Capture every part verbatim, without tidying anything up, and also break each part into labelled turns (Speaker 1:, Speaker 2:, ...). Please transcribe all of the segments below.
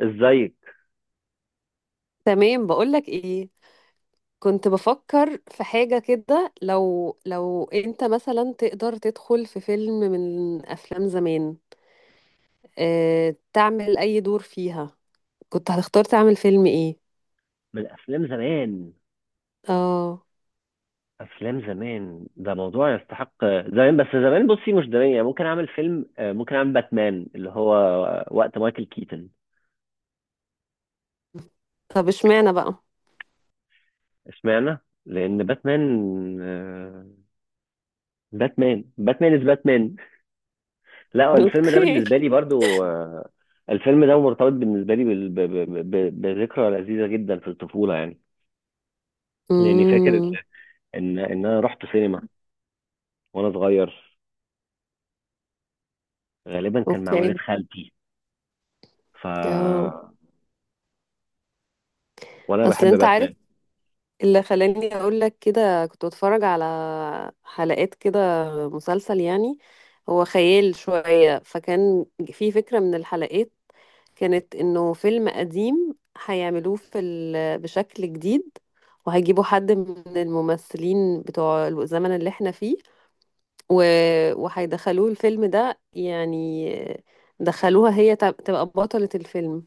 Speaker 1: ازيك؟
Speaker 2: تمام، بقولك ايه. كنت بفكر في حاجة كده، لو لو انت مثلا تقدر تدخل في فيلم من افلام زمان، اه، تعمل اي دور فيها؟ كنت هتختار تعمل فيلم ايه؟
Speaker 1: من افلام زمان.
Speaker 2: اه.
Speaker 1: افلام زمان ده موضوع يستحق. زمان بس، زمان بصي، مش زمان. يعني ممكن اعمل فيلم آه، ممكن اعمل باتمان، اللي هو وقت مايكل كيتن.
Speaker 2: طب اشمعنى بقى؟
Speaker 1: اشمعنى؟ لان باتمان، آه، باتمان باتمان از باتمان. لا، الفيلم ده
Speaker 2: اوكي.
Speaker 1: بالنسبه لي برضو آه، الفيلم ده مرتبط بالنسبه لي بال- ب- ب- ب- بذكرى لذيذه جدا في الطفوله يعني. لاني فاكر
Speaker 2: امم.
Speaker 1: ان ان انا رحت سينما وانا صغير، غالبا كان مع
Speaker 2: اوكي.
Speaker 1: والد خالتي. ف
Speaker 2: اه.
Speaker 1: وانا
Speaker 2: اصل
Speaker 1: بحب
Speaker 2: انت عارف،
Speaker 1: باتمان.
Speaker 2: اللي خلاني اقول لك كده، كنت بتفرج على حلقات كده، مسلسل يعني، هو خيال شوية. فكان في فكرة من الحلقات كانت انه فيلم قديم هيعملوه في ال... بشكل جديد، وهيجيبوا حد من الممثلين بتوع الزمن اللي احنا فيه، و... وهيدخلوه الفيلم ده يعني، دخلوها هي تب- تبقى بطلة الفيلم.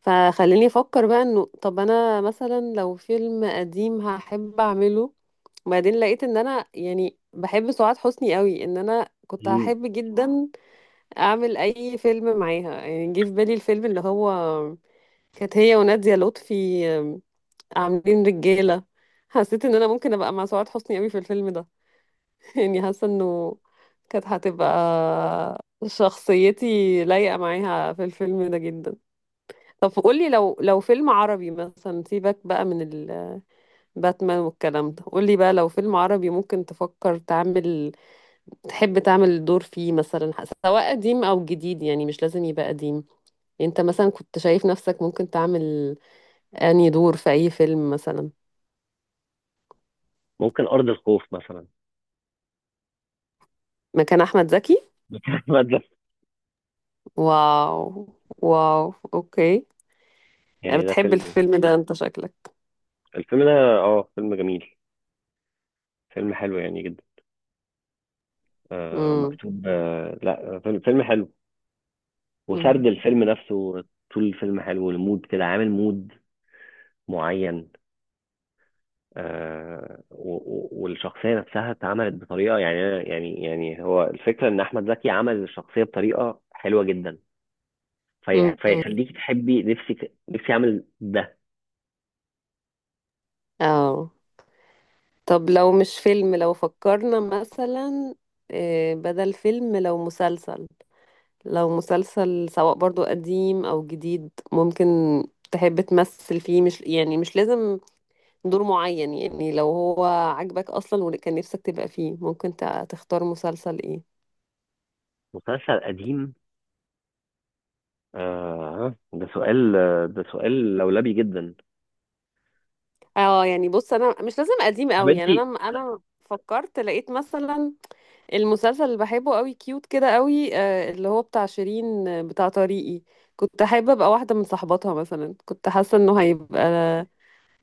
Speaker 2: فخليني افكر بقى، انه طب انا مثلا لو فيلم قديم هحب اعمله، وبعدين لقيت ان انا يعني بحب سعاد حسني قوي، ان انا كنت
Speaker 1: مم.
Speaker 2: هحب جدا اعمل اي فيلم معاها. يعني جه في بالي الفيلم اللي هو كانت هي ونادية لطفي، آم، عاملين رجالة. حسيت ان انا ممكن ابقى مع سعاد حسني قوي في الفيلم ده. يعني حاسة انه كانت هتبقى شخصيتي لايقة معاها في الفيلم ده جدا. طب قولي، لو لو فيلم عربي مثلا، سيبك بقى من الباتمان والكلام ده، قولي بقى لو فيلم عربي ممكن تفكر تعمل، تحب تعمل دور فيه مثلا، ح- سواء قديم او جديد، يعني مش لازم يبقى قديم. انت مثلا كنت شايف نفسك ممكن تعمل انهي دور في اي فيلم مثلا؟
Speaker 1: ممكن أرض الخوف مثلا.
Speaker 2: مكان احمد زكي؟
Speaker 1: أحمد ده.
Speaker 2: واو. واو، اوكي. يعني
Speaker 1: يعني ده
Speaker 2: بتحب
Speaker 1: فيلم.
Speaker 2: الفيلم ده انت شكلك.
Speaker 1: الفيلم ده اه فيلم جميل، فيلم حلو يعني جدا. آه
Speaker 2: امم.
Speaker 1: ومكتوب، آه لا فيلم فيلم حلو. وسرد
Speaker 2: امم.
Speaker 1: الفيلم نفسه طول الفيلم حلو، المود كده عامل مود معين. آه و- و- والشخصية نفسها اتعملت بطريقة يعني أنا- يعني يعني هو الفكرة ان احمد زكي عمل الشخصية بطريقة حلوة جدا. في
Speaker 2: أمم.
Speaker 1: فيخليك تحبي نفسك نفسي اعمل ده.
Speaker 2: اه. طب لو مش فيلم، لو فكرنا مثلا، آه، بدل فيلم لو مسلسل، لو مسلسل سواء برضو قديم او جديد ممكن تحب تمثل فيه، مش يعني، مش لازم دور معين، يعني لو هو عاجبك اصلا وكان نفسك تبقى فيه، ممكن تع- تختار مسلسل ايه؟
Speaker 1: مسلسل قديم، آه ده سؤال، ده سؤال لولبي جدا.
Speaker 2: اه يعني بص، انا مش لازم قديم
Speaker 1: طب
Speaker 2: قوي،
Speaker 1: انت.
Speaker 2: يعني انا انا فكرت، لقيت مثلا المسلسل اللي بحبه قوي كيوت كده قوي، آه، اللي هو بتاع شيرين، آه، بتاع طريقي. كنت حابة ابقى واحدة من صحباتها مثلا، كنت حاسة انه هيبقى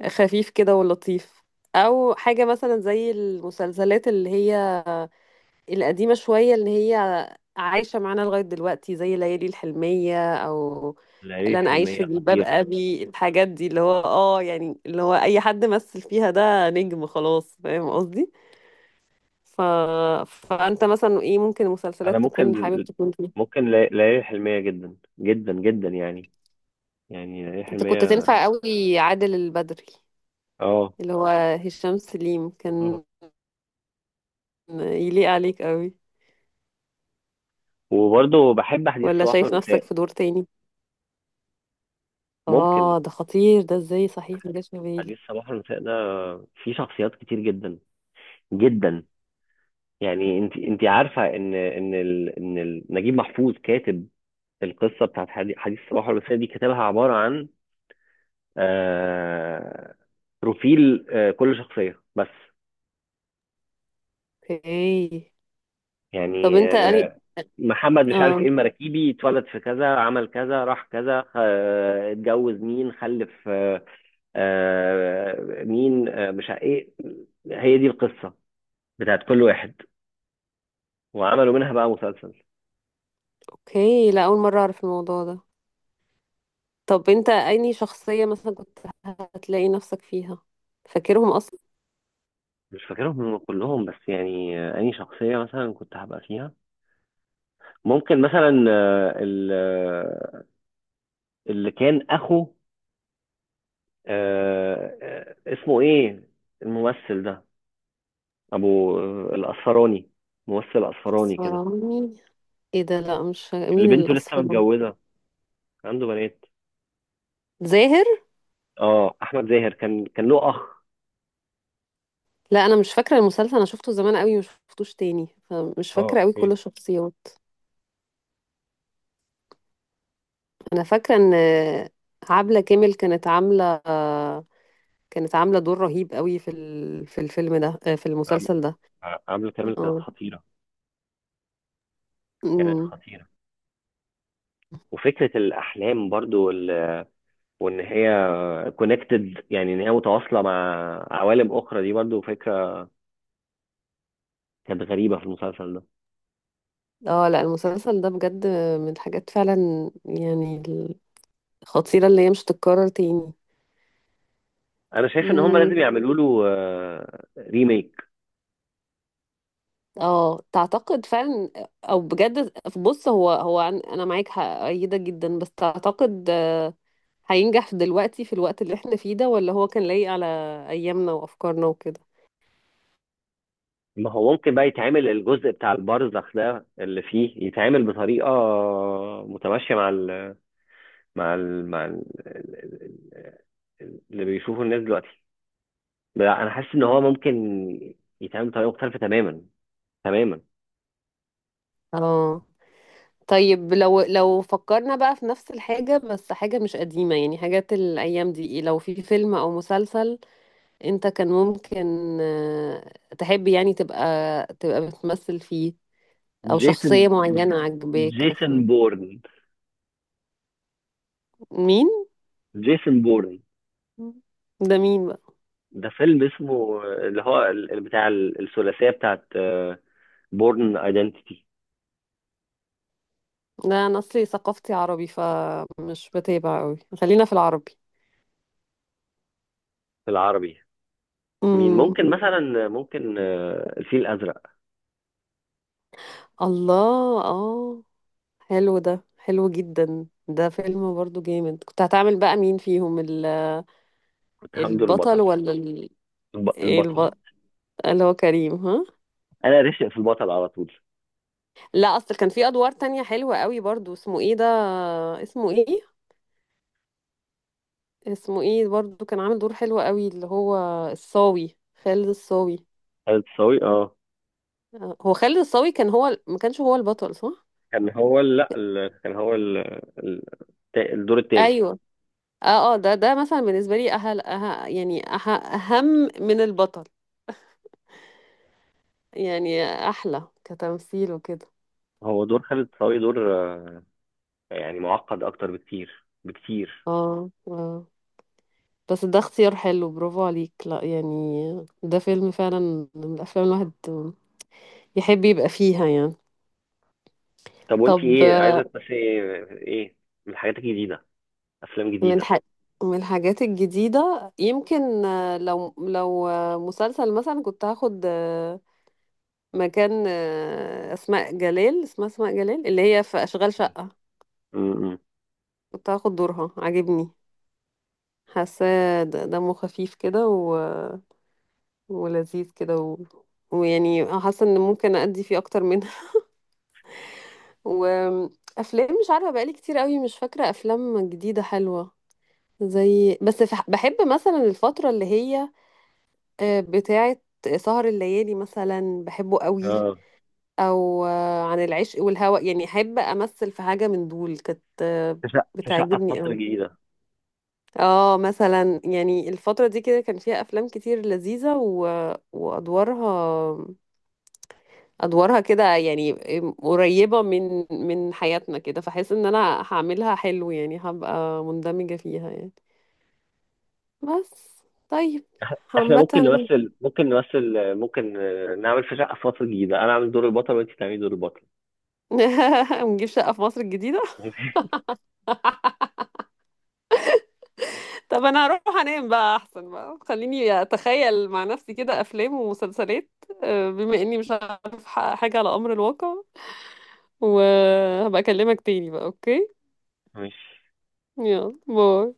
Speaker 2: خفيف كده ولطيف. او حاجة مثلا زي المسلسلات اللي هي القديمة شوية، اللي هي عايشة معانا لغاية دلوقتي، زي ليالي الحلمية، او
Speaker 1: ليالي
Speaker 2: اللي انا اعيش في
Speaker 1: الحلمية
Speaker 2: جلباب
Speaker 1: خطير.
Speaker 2: ابي. الحاجات دي اللي هو اه، يعني اللي هو اي حد مثل فيها ده نجم خلاص، فاهم قصدي؟ ف... فانت مثلا ايه، ممكن
Speaker 1: انا
Speaker 2: مسلسلات تكون
Speaker 1: ممكن،
Speaker 2: حابب تكون فيها؟
Speaker 1: ممكن لي- ليالي الحلمية جدا جدا جدا يعني. يعني ليالي
Speaker 2: انت كنت
Speaker 1: الحلمية،
Speaker 2: تنفع قوي عادل البدري،
Speaker 1: اه.
Speaker 2: اللي هو هشام سليم،
Speaker 1: خلاص.
Speaker 2: كان يليق عليك قوي.
Speaker 1: وبرضه بحب حديث
Speaker 2: ولا
Speaker 1: صباح
Speaker 2: شايف نفسك
Speaker 1: والمساء.
Speaker 2: في دور تاني؟
Speaker 1: ممكن.
Speaker 2: اه ده خطير، ده ازاي صحيح ما جاش في بالي.
Speaker 1: حديث صباح والمساء ده فيه شخصيات كتير جدا جدا. يعني انت انت عارفة ان ان ال... ان ال... نجيب محفوظ كاتب القصة بتاعت حدي- حديث صباح والمساء، دي كتبها عبارة عن آه، بروفيل آه، كل شخصية بس.
Speaker 2: اوكي. طب
Speaker 1: يعني
Speaker 2: انت يعني،
Speaker 1: آه، محمد مش عارف ايه
Speaker 2: اه،
Speaker 1: المراكيبي اتولد في كذا، عمل كذا، راح كذا، خ- آه، اتجوز مين، خلف آه، آه، مين آه، مش عارف ايه. هي دي القصة بتاعت كل واحد، وعملوا منها بقى مسلسل.
Speaker 2: اوكي. لا، اول مره اعرف الموضوع ده. طب انت انهي شخصية مثلا كنت هتلاقي نفسك فيها، فاكرهم اصلا؟
Speaker 1: مش فاكرهم هم كلهم بس يعني آه، أي شخصية مثلا كنت هبقى فيها، ممكن مثلا آه، ال- آه، اللي كان أخو آه، آه، اسمه ايه الممثل ده، ابو آه، الاصفراني، ممثل اصفراني كده،
Speaker 2: اسمراني؟ ايه ده، لا، مش فا-
Speaker 1: اللي
Speaker 2: مين
Speaker 1: بنته لسه
Speaker 2: الاسمراني؟
Speaker 1: متجوزه عنده بنات.
Speaker 2: زاهر؟
Speaker 1: اه احمد زاهر، كان كان له اخ.
Speaker 2: لا انا مش فاكرة المسلسل، انا شفته زمان قوي مش شفتوش تاني، فمش
Speaker 1: اه،
Speaker 2: فاكرة قوي كل
Speaker 1: اوكي.
Speaker 2: الشخصيات. انا فاكرة ان عبلة كامل كانت عاملة، كانت عاملة دور رهيب قوي في ال- في الفيلم ده، آه، في
Speaker 1: عم-
Speaker 2: المسلسل ده.
Speaker 1: ع- عامله كامل كانت
Speaker 2: اه.
Speaker 1: خطيره، كانت
Speaker 2: أمم.
Speaker 1: خطيره. وفكره الاحلام برضو وال- وان هي كونكتد، يعني ان هي متواصله مع عوالم اخرى، دي برضو فكره كانت غريبه في المسلسل ده.
Speaker 2: اه لا، المسلسل ده بجد من الحاجات فعلا يعني الخطيرة اللي هي مش تتكرر تاني.
Speaker 1: انا شايف ان هم
Speaker 2: مم.
Speaker 1: لازم يعملوا له ريميك.
Speaker 2: اه تعتقد فعلا؟ او بجد، بص، هو هو عن- انا معاك، هأيدك جدا، بس تعتقد هينجح دلوقتي في الوقت اللي احنا فيه ده، ولا هو كان لايق على ايامنا وافكارنا وكده؟
Speaker 1: ما هو ممكن بقى يتعمل الجزء بتاع البرزخ ده اللي فيه، يتعمل بطريقة متماشية مع ال مع ال مع ال اللي بيشوفه الناس دلوقتي. لا انا حاسس ان هو ممكن يتعمل بطريقة مختلفة تماما، تماما.
Speaker 2: اه. طيب لو لو فكرنا بقى في نفس الحاجة بس حاجة مش قديمة، يعني حاجات الايام دي إيه؟ لو في فيلم او مسلسل انت كان ممكن، آه، تحب يعني تبقى تبقى بتمثل فيه، او شخصية
Speaker 1: جيسون،
Speaker 2: معينة عجباك مثلا؟
Speaker 1: جيسون بورن.
Speaker 2: مين؟
Speaker 1: جيسون بورن
Speaker 2: ده مين بقى؟
Speaker 1: ده فيلم اسمه، اللي هو ال- ال- بتاع ال- الثلاثية بتاعت بورن ايدنتيتي.
Speaker 2: لا انا اصلي ثقافتي عربي فمش بتابع قوي، خلينا في العربي.
Speaker 1: في العربي، مين
Speaker 2: امم.
Speaker 1: ممكن مثلا، ممكن آه، الفيل الازرق.
Speaker 2: الله، اه، حلو، ده حلو جدا، ده فيلم برضو جامد. كنت هتعمل بقى مين فيهم، ال-
Speaker 1: حمد
Speaker 2: البطل
Speaker 1: البطل.
Speaker 2: ولا ال...
Speaker 1: الب...
Speaker 2: إيه
Speaker 1: البطل.
Speaker 2: الب... اللي هو كريم، ها؟
Speaker 1: انا رشق في البطل على طول.
Speaker 2: لا، اصل كان في ادوار تانية حلوة قوي برضو، اسمه ايه ده، اسمه ايه، اسمه ايه برضو، كان عامل دور حلو قوي، اللي هو الصاوي، خالد الصاوي.
Speaker 1: خالد صاوي، اه.
Speaker 2: آه، هو خالد الصاوي كان هو ال- ما كانش هو البطل، صح؟
Speaker 1: كان هو ال...، لا ال... كان هو ال... ال... التا- الدور التاني.
Speaker 2: ايوه. اه، اه، ده ده مثلا بالنسبة لي أهل، أه يعني أه أهم من البطل يعني، أحلى كتمثيل وكده.
Speaker 1: هو دور خالد صاوي دور آه، يعني معقد اكتر بكتير، بكتير.
Speaker 2: اه، اه، بس ده اختيار حلو، برافو عليك، لا يعني ده فيلم فعلا من الأفلام الواحد يحب يبقى فيها يعني.
Speaker 1: طب وانت
Speaker 2: طب،
Speaker 1: ايه عايزه
Speaker 2: آه،
Speaker 1: تمثلي، ايه ايه من حاجات جديده، افلام
Speaker 2: من
Speaker 1: جديده.
Speaker 2: الح... من الحاجات الجديدة يمكن، آه، لو لو آه، مسلسل مثلا، كنت هاخد آه، مكان آه، أسماء جلال، اسمها أسماء جلال، اللي هي في أشغال شقة.
Speaker 1: امم.
Speaker 2: كنت هاخد دورها، عاجبني، حاساه د- دمه خفيف كده و... ولذيذ كده و... ويعني حاسه ان ممكن ادي فيه اكتر منها. وافلام مش عارفه، بقالي كتير قوي مش فاكره افلام جديده حلوه، زي بس فح- بحب مثلا الفتره اللي هي آه، بتاعه سهر الليالي مثلا، بحبه قوي.
Speaker 1: اه
Speaker 2: او آه، عن العشق والهوى، يعني احب امثل في حاجه من دول، كانت آه،
Speaker 1: في شقة، في شقة في
Speaker 2: بتعجبني.
Speaker 1: مصر الجديدة.
Speaker 2: اه مثلا يعني الفترة دي كده كان فيها أفلام كتير لذيذة، و... وأدوارها، أدوارها كده يعني قريبة من من حياتنا كده، فحس إن أنا هعملها حلو يعني، هبقى مندمجة فيها يعني. بس. طيب.
Speaker 1: احنا ممكن
Speaker 2: عامة.
Speaker 1: نمثل، ممكن نمثل ممكن آه، نعمل في شقه في مصر الجديده، انا اعمل دور البطل وانت تعملي دور البطل.
Speaker 2: نجيب شقة في مصر الجديدة. طب أنا هروح أنام بقى أحسن، بقى خليني أتخيل مع نفسي كده أفلام ومسلسلات، آه، بما إني مش عارف حاجة على أمر الواقع، وهبقى أكلمك تاني بقى. أوكي.
Speaker 1: ماشي.
Speaker 2: يلا باي.